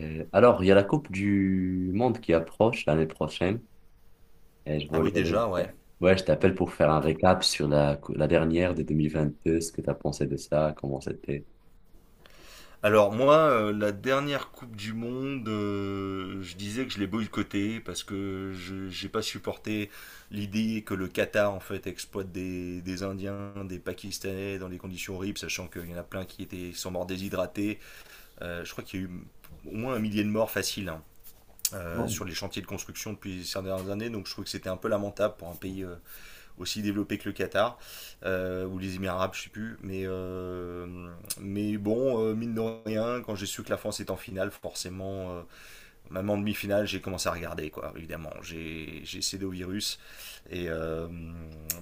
Il y a la Coupe du Monde qui approche l'année prochaine. Et je Ah voulais... oui, déjà, ouais. Ouais, je t'appelle pour faire un récap sur la dernière de 2022, ce que tu as pensé de ça, comment c'était. Alors moi, la dernière Coupe du Monde, je disais que je l'ai boycottée parce que je j'ai pas supporté l'idée que le Qatar en fait exploite des Indiens, des Pakistanais dans des conditions horribles, sachant qu'il y en a plein qui sont morts déshydratés. Je crois qu'il y a eu au moins un millier de morts faciles, hein, Bon. sur les chantiers de construction depuis ces dernières années, donc je trouve que c'était un peu lamentable pour un pays aussi développé que le Qatar ou les Émirats arabes, je ne sais plus. Mais bon, mine de rien, quand j'ai su que la France est en finale, forcément, même en demi-finale, j'ai commencé à regarder, quoi, évidemment. J'ai cédé au virus. Et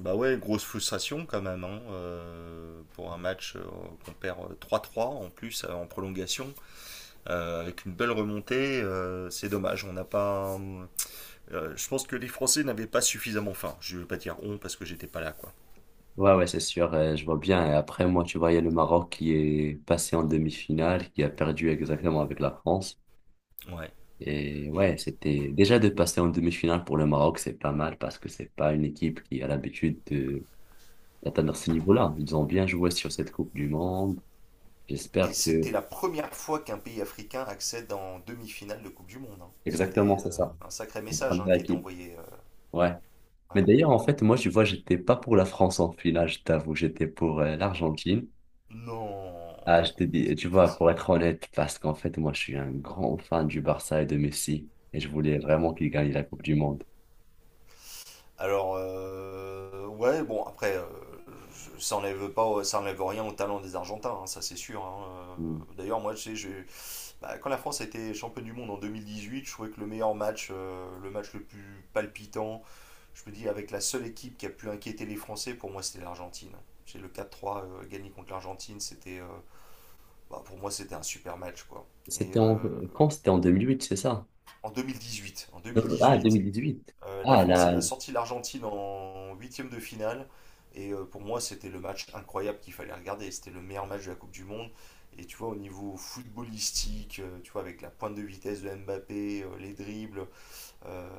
bah ouais, grosse frustration quand même, hein, pour un match qu'on perd trois trois en plus, en prolongation, avec une belle remontée. C'est dommage, on n'a pas. Je pense que les Français n'avaient pas suffisamment faim. Je ne vais pas dire on parce que j'étais pas là, quoi. Ouais, ouais, c'est sûr, je vois bien. Et après, moi, tu vois, il y a le Maroc qui est passé en demi-finale, qui a perdu exactement avec la France. Ouais. Et Et, ouais, c'était déjà de passer en demi-finale pour le Maroc, c'est pas mal parce que c'est pas une équipe qui a l'habitude de d'atteindre ce niveau-là. Ils ont bien joué sur cette Coupe du Monde. et J'espère que... c'était la première fois qu'un pays africain accède en demi-finale de Coupe du Monde, hein. C'était Exactement, c'est ça. un sacré La message, hein, première qui était équipe. envoyé. Ouais. Mais Ouais. d'ailleurs, en fait, moi, tu vois, j'étais pas pour la France en finale, je t'avoue, j'étais pour l'Argentine. Non, Ah, je te dis, c'est tu pas vois, possible. pour être honnête, parce qu'en fait, moi, je suis un grand fan du Barça et de Messi, et je voulais vraiment qu'il gagne la Coupe du Monde. Alors, ouais, bon, après, ça n'enlève pas, ça enlève rien au talent des Argentins, hein, ça c'est sûr, hein. Mm. D'ailleurs, moi, tu sais, bah, quand la France a été championne du monde en 2018, je trouvais que le meilleur match, le match le plus palpitant, je me dis, avec la seule équipe qui a pu inquiéter les Français, pour moi, c'était l'Argentine. J'ai le 4-3, gagné contre l'Argentine, c'était, bah, pour moi, c'était un super match, quoi. Et C'était en... Quand? euh, C'était en 2008 c'est ça? en 2018, en 2018, huit. La Ah, France, elle là, a sorti l'Argentine en huitième de finale. Et pour moi, c'était le match incroyable qu'il fallait regarder. C'était le meilleur match de la Coupe du Monde. Et tu vois, au niveau footballistique, tu vois, avec la pointe de vitesse de Mbappé, les dribbles,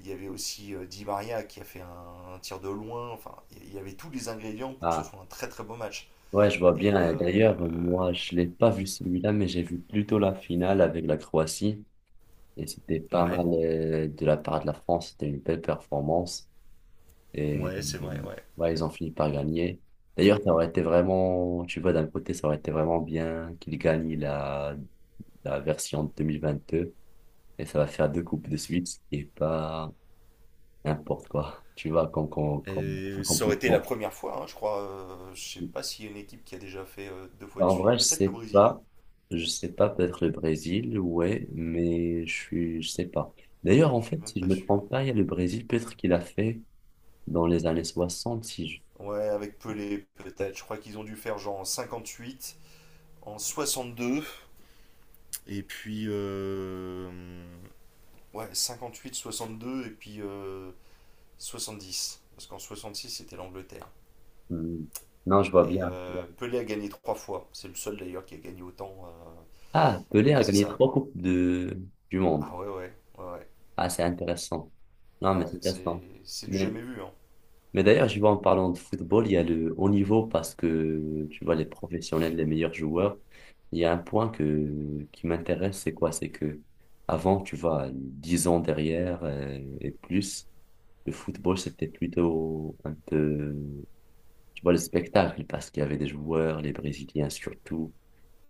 il y avait aussi Di Maria qui a fait un tir de loin. Enfin, il y avait tous les ingrédients pour que ce ah. soit un très très beau match. Ouais, je vois Et bien. D'ailleurs, moi, je l'ai pas vu celui-là, mais j'ai vu plutôt la finale avec la Croatie. Et c'était pas Ouais, mal de la part de la France, c'était une belle performance. Et, ouais, c'est et, vrai, ouais. ouais, ils ont fini par gagner. D'ailleurs, ça aurait été vraiment, tu vois, d'un côté, ça aurait été vraiment bien qu'ils gagnent la version 2022. Et ça va faire deux coupes de suite, ce qui est pas n'importe quoi, tu vois, comme Et ça aurait été la accomplissement. première fois, hein, je crois. Je sais pas s'il y a une équipe qui a déjà fait deux fois de En suite. vrai, je Peut-être le sais Brésil, pas. Je sais pas, peut-être le Brésil, ouais, mais je sais pas. D'ailleurs, en je suis fait, même si je pas me sûr. trompe pas, il y a le Brésil, peut-être qu'il a fait dans les années 60, si je... Ouais, avec Pelé, peut-être. Je crois qu'ils ont dû faire genre en huit en 62. Et puis, ouais, 58, 62 et puis 70 parce qu'en 66 c'était l'Angleterre. Hmm. Non, je vois Et bien. Pelé a gagné trois fois. C'est le seul d'ailleurs qui a gagné autant. Ah, Pelé a Ouais, c'est gagné ça. trois coupes de... du monde. Ah ouais, ouais, ouais, ouais. Ah, c'est intéressant. Non, mais Ouais, c'est c'est intéressant. c'est du Mais, jamais vu, hein. mais d'ailleurs, je vois en parlant de football, il y a le haut niveau parce que tu vois, les professionnels, les meilleurs joueurs, il y a un point qui m'intéresse, c'est quoi? C'est que avant, tu vois, 10 ans derrière et plus, le football, c'était plutôt un peu, tu vois, le spectacle, parce qu'il y avait des joueurs, les Brésiliens surtout,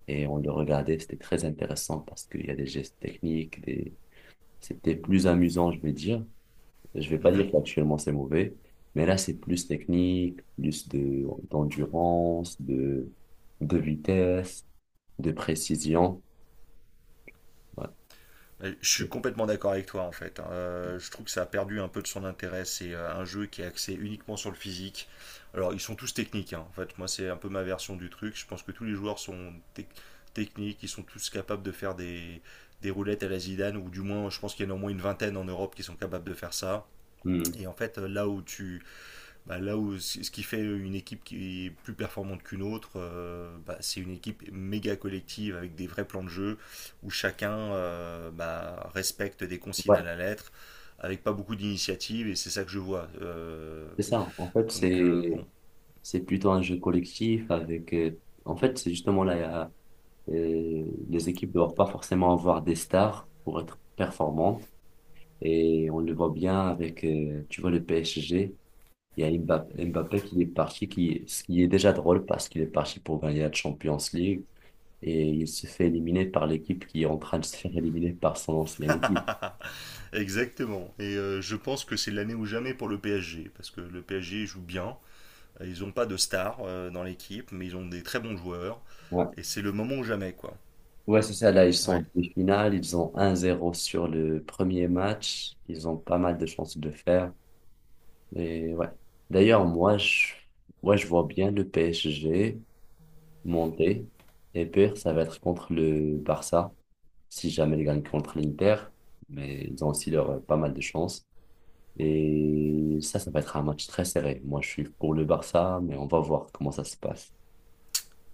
et on le regardait, c'était très intéressant parce qu'il y a des gestes techniques, des... c'était plus amusant, je vais dire. Je vais pas Mhm. dire qu'actuellement c'est mauvais, mais là, c'est plus technique, plus d'endurance, de vitesse, de précision. Ouais. Je suis complètement d'accord avec toi en fait, hein. Je trouve que ça a perdu un peu de son intérêt. C'est un jeu qui est axé uniquement sur le physique. Alors ils sont tous techniques, hein. En fait, moi c'est un peu ma version du truc. Je pense que tous les joueurs sont techniques. Ils sont tous capables de faire des roulettes à la Zidane ou du moins je pense qu'il y en a au moins une vingtaine en Europe qui sont capables de faire ça. Hmm. Et en fait, là où tu bah, là où ce qui fait une équipe qui est plus performante qu'une autre, bah, c'est une équipe méga collective avec des vrais plans de jeu où chacun, bah, respecte des consignes à Ouais, la lettre avec pas beaucoup d'initiative et c'est ça que je vois. C'est ça. En fait, donc euh, bon, c'est plutôt un jeu collectif avec en fait, c'est justement là, les équipes ne doivent pas forcément avoir des stars pour être performantes. Et on le voit bien avec, tu vois, le PSG. Il y a Mbappé, qui est parti, qui, ce qui est déjà drôle parce qu'il est parti pour gagner la Champions League et il se fait éliminer par l'équipe qui est en train de se faire éliminer par son ancienne équipe. exactement. Et je pense que c'est l'année ou jamais pour le PSG parce que le PSG joue bien. Ils n'ont pas de stars dans l'équipe, mais ils ont des très bons joueurs Ouais. et c'est le moment ou jamais, quoi. Ouais, c'est ça. Là, ils sont en Ouais. demi-finale. Ils ont 1-0 sur le premier match. Ils ont pas mal de chances de le faire. Et ouais. D'ailleurs, moi, je, ouais, je vois bien le PSG monter. Et pire, ça va être contre le Barça, si jamais ils gagnent contre l'Inter. Mais ils ont aussi leur, pas mal de chances. Et ça va être un match très serré. Moi, je suis pour le Barça, mais on va voir comment ça se passe.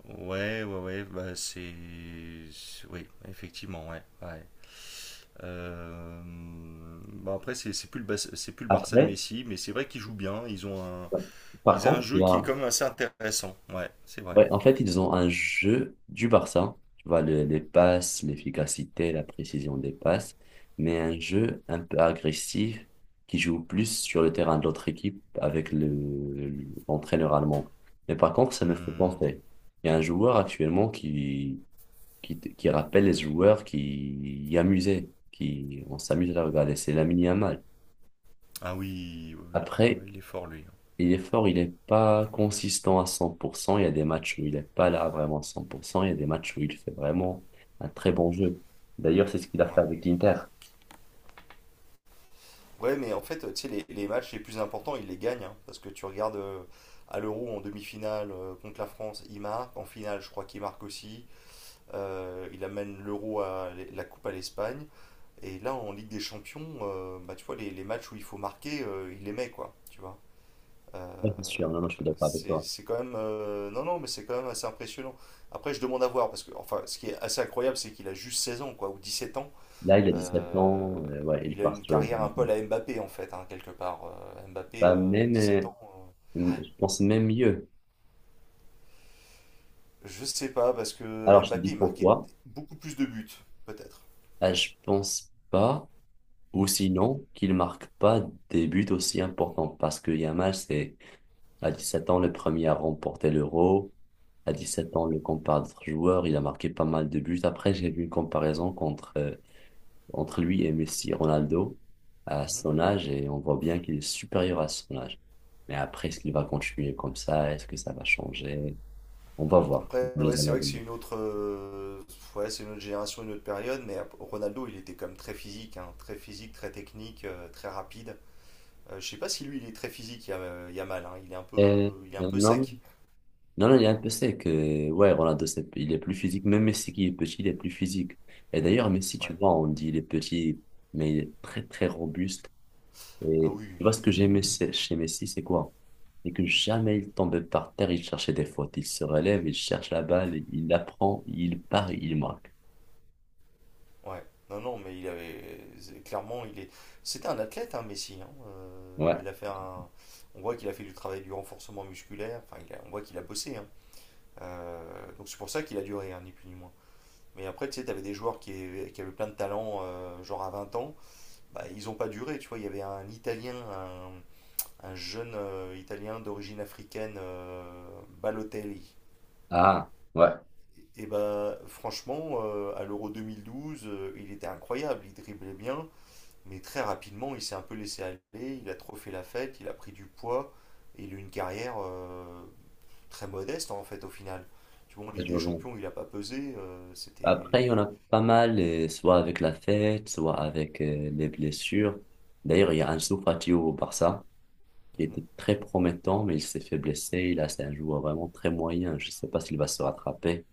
Ouais, ouais, ouais, bah c'est... Oui, effectivement, ouais, ouais. Euh, Bon après c'est plus c'est plus le Barça de Après, Messi, mais c'est vrai qu'ils jouent bien, par ils ont un contre, jeu il y qui est a, quand même assez intéressant, ouais, c'est vrai. Ouais, en fait, ils ont un jeu du Barça, tu vois, les passes, l'efficacité, la précision des passes, mais un jeu un peu agressif qui joue plus sur le terrain de l'autre équipe avec l'entraîneur allemand. Mais par contre, ça me fait Hmm. penser. Il y a un joueur actuellement qui rappelle les joueurs qui y amusaient, qui, on s'amuse à la regarder, c'est Lamine Yamal. Ah oui, oui, oui. Ah oui, Après, il est fort lui. il est fort, il n'est pas consistant à 100%. Il y a des matchs où il n'est pas là vraiment à 100%. Il y a des matchs où il fait vraiment un très bon jeu. D'ailleurs, c'est ce qu'il a fait Ouais. avec l'Inter. Ouais, mais en fait, tu sais, les matchs les plus importants, ils les gagnent, hein, parce que tu regardes à l'Euro en demi-finale contre la France, il marque. En finale, je crois qu'il marque aussi. Il amène l'Euro à la Coupe à l'Espagne. Et là, en Ligue des Champions, bah, tu vois, matchs où il faut marquer, il les met, quoi. Tu vois. Euh, Ouais, c'est sûr, non, non, je suis d'accord avec c'est toi. c'est quand même. Non, non, mais c'est quand même assez impressionnant. Après, je demande à voir, parce que, enfin, ce qui est assez incroyable, c'est qu'il a juste 16 ans, quoi, ou 17 ans. Là, il a 17 Euh, ans. Ouais, il il a part une sur la carrière un vie. peu à la Mbappé, en fait, hein, quelque part. Mbappé, Bah, même, 17 euh, ans. Je pense même mieux. Je sais pas, parce que Alors, je te dis Mbappé, il marquait pourquoi. beaucoup plus de buts, peut-être. Ah, je pense pas, ou sinon, qu'il marque pas des buts aussi importants. Parce que Yamal, c'est à 17 ans, le premier à remporter l'Euro. À 17 ans, le compare d'autres joueurs. Il a marqué pas mal de buts. Après, j'ai vu une comparaison contre, entre lui et Messi, Ronaldo, à Mhm. son âge, et on voit bien qu'il est supérieur à son âge. Mais après, est-ce qu'il va continuer comme ça? Est-ce que ça va changer? On va voir Après, dans ouais, les années c'est à vrai que c'est venir. une autre, ouais, c'est une autre génération, une autre période, mais Ronaldo, il était quand même très physique, hein, très physique, très technique, très rapide. Je sais pas si lui, il est très physique, il y a mal, Euh, il est un peu non, sec. non, non, il est un peu sec. Ouais, Ronaldo, il est plus physique. Même Messi qui est petit, il est plus physique. Et d'ailleurs, Messi, tu Ouais. vois, on dit il est petit, mais il est très, très robuste. Ah Et oui, tu vois, ce que j'aimais chez Messi, c'est quoi? C'est que jamais il tombait par terre, il cherchait des fautes. Il se relève, il cherche la balle, il la prend, il part, il marque. ouais. Non, non, mais il avait, clairement, c'était un athlète, hein, Messi, hein. Ouais. Il a fait un, on voit qu'il a fait du travail du renforcement musculaire. Enfin, on voit qu'il a bossé, hein. Donc c'est pour ça qu'il a duré, hein, ni plus ni moins. Mais après, tu sais, t'avais des joueurs qui avaient plein de talent, genre à 20 ans, bah, ils n'ont pas duré, tu vois. Il y avait un Italien, un jeune Italien d'origine africaine, Balotelli. Ah, ouais. Et bah, franchement, à l'Euro 2012, il était incroyable, il driblait bien, mais très rapidement, il s'est un peu laissé aller, il a trop fait la fête, il a pris du poids, et il a eu une carrière très modeste, en fait, au final. Tu vois, en Ligue Je des vois bien. Champions, il a pas pesé, c'était... Après, il y en a pas mal, soit avec la fête, soit avec les blessures. D'ailleurs, il y a Ansu Fati au Barça, qui Mhm, était très promettant, mais il s'est fait blesser. Là, c'est un joueur vraiment très moyen. Je ne sais pas s'il va se rattraper,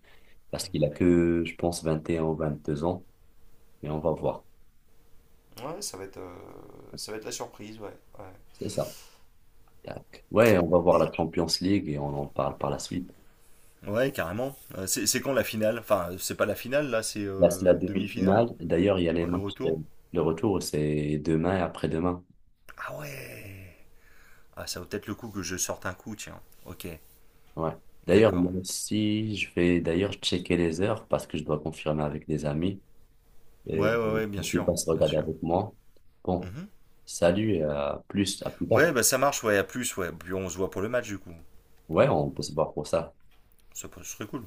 parce qu'il mhm. a que, je pense, 21 ou 22 ans, mais on va voir. Ouais, ça va être la surprise, ouais, ouais. C'est ça. Tac. Ouais, on va voir la Mais Champions League et on en parle par la suite. ouais, carrément. C'est quand la finale? Enfin, c'est pas la finale, là, c'est Là, c'est la demi-finale. demi-finale. D'ailleurs, il y a les Ouais, le matchs. Retour. Le retour, c'est demain et après-demain. Ah ouais! Ah, ça vaut peut-être le coup que je sorte un coup, tiens. Ok, Ouais. D'ailleurs, moi d'accord. aussi, je vais d'ailleurs checker les heures parce que je dois confirmer avec des amis. Et Ouais, ouais, ouais, bien pour qu'ils sûr, passent bien regarder sûr. avec moi. Bon, Mhm. salut et à plus Ouais, tard. bah ça marche, ouais, à plus, ouais. Puis on se voit pour le match, du coup. Ouais, on peut se voir pour ça. Serait cool.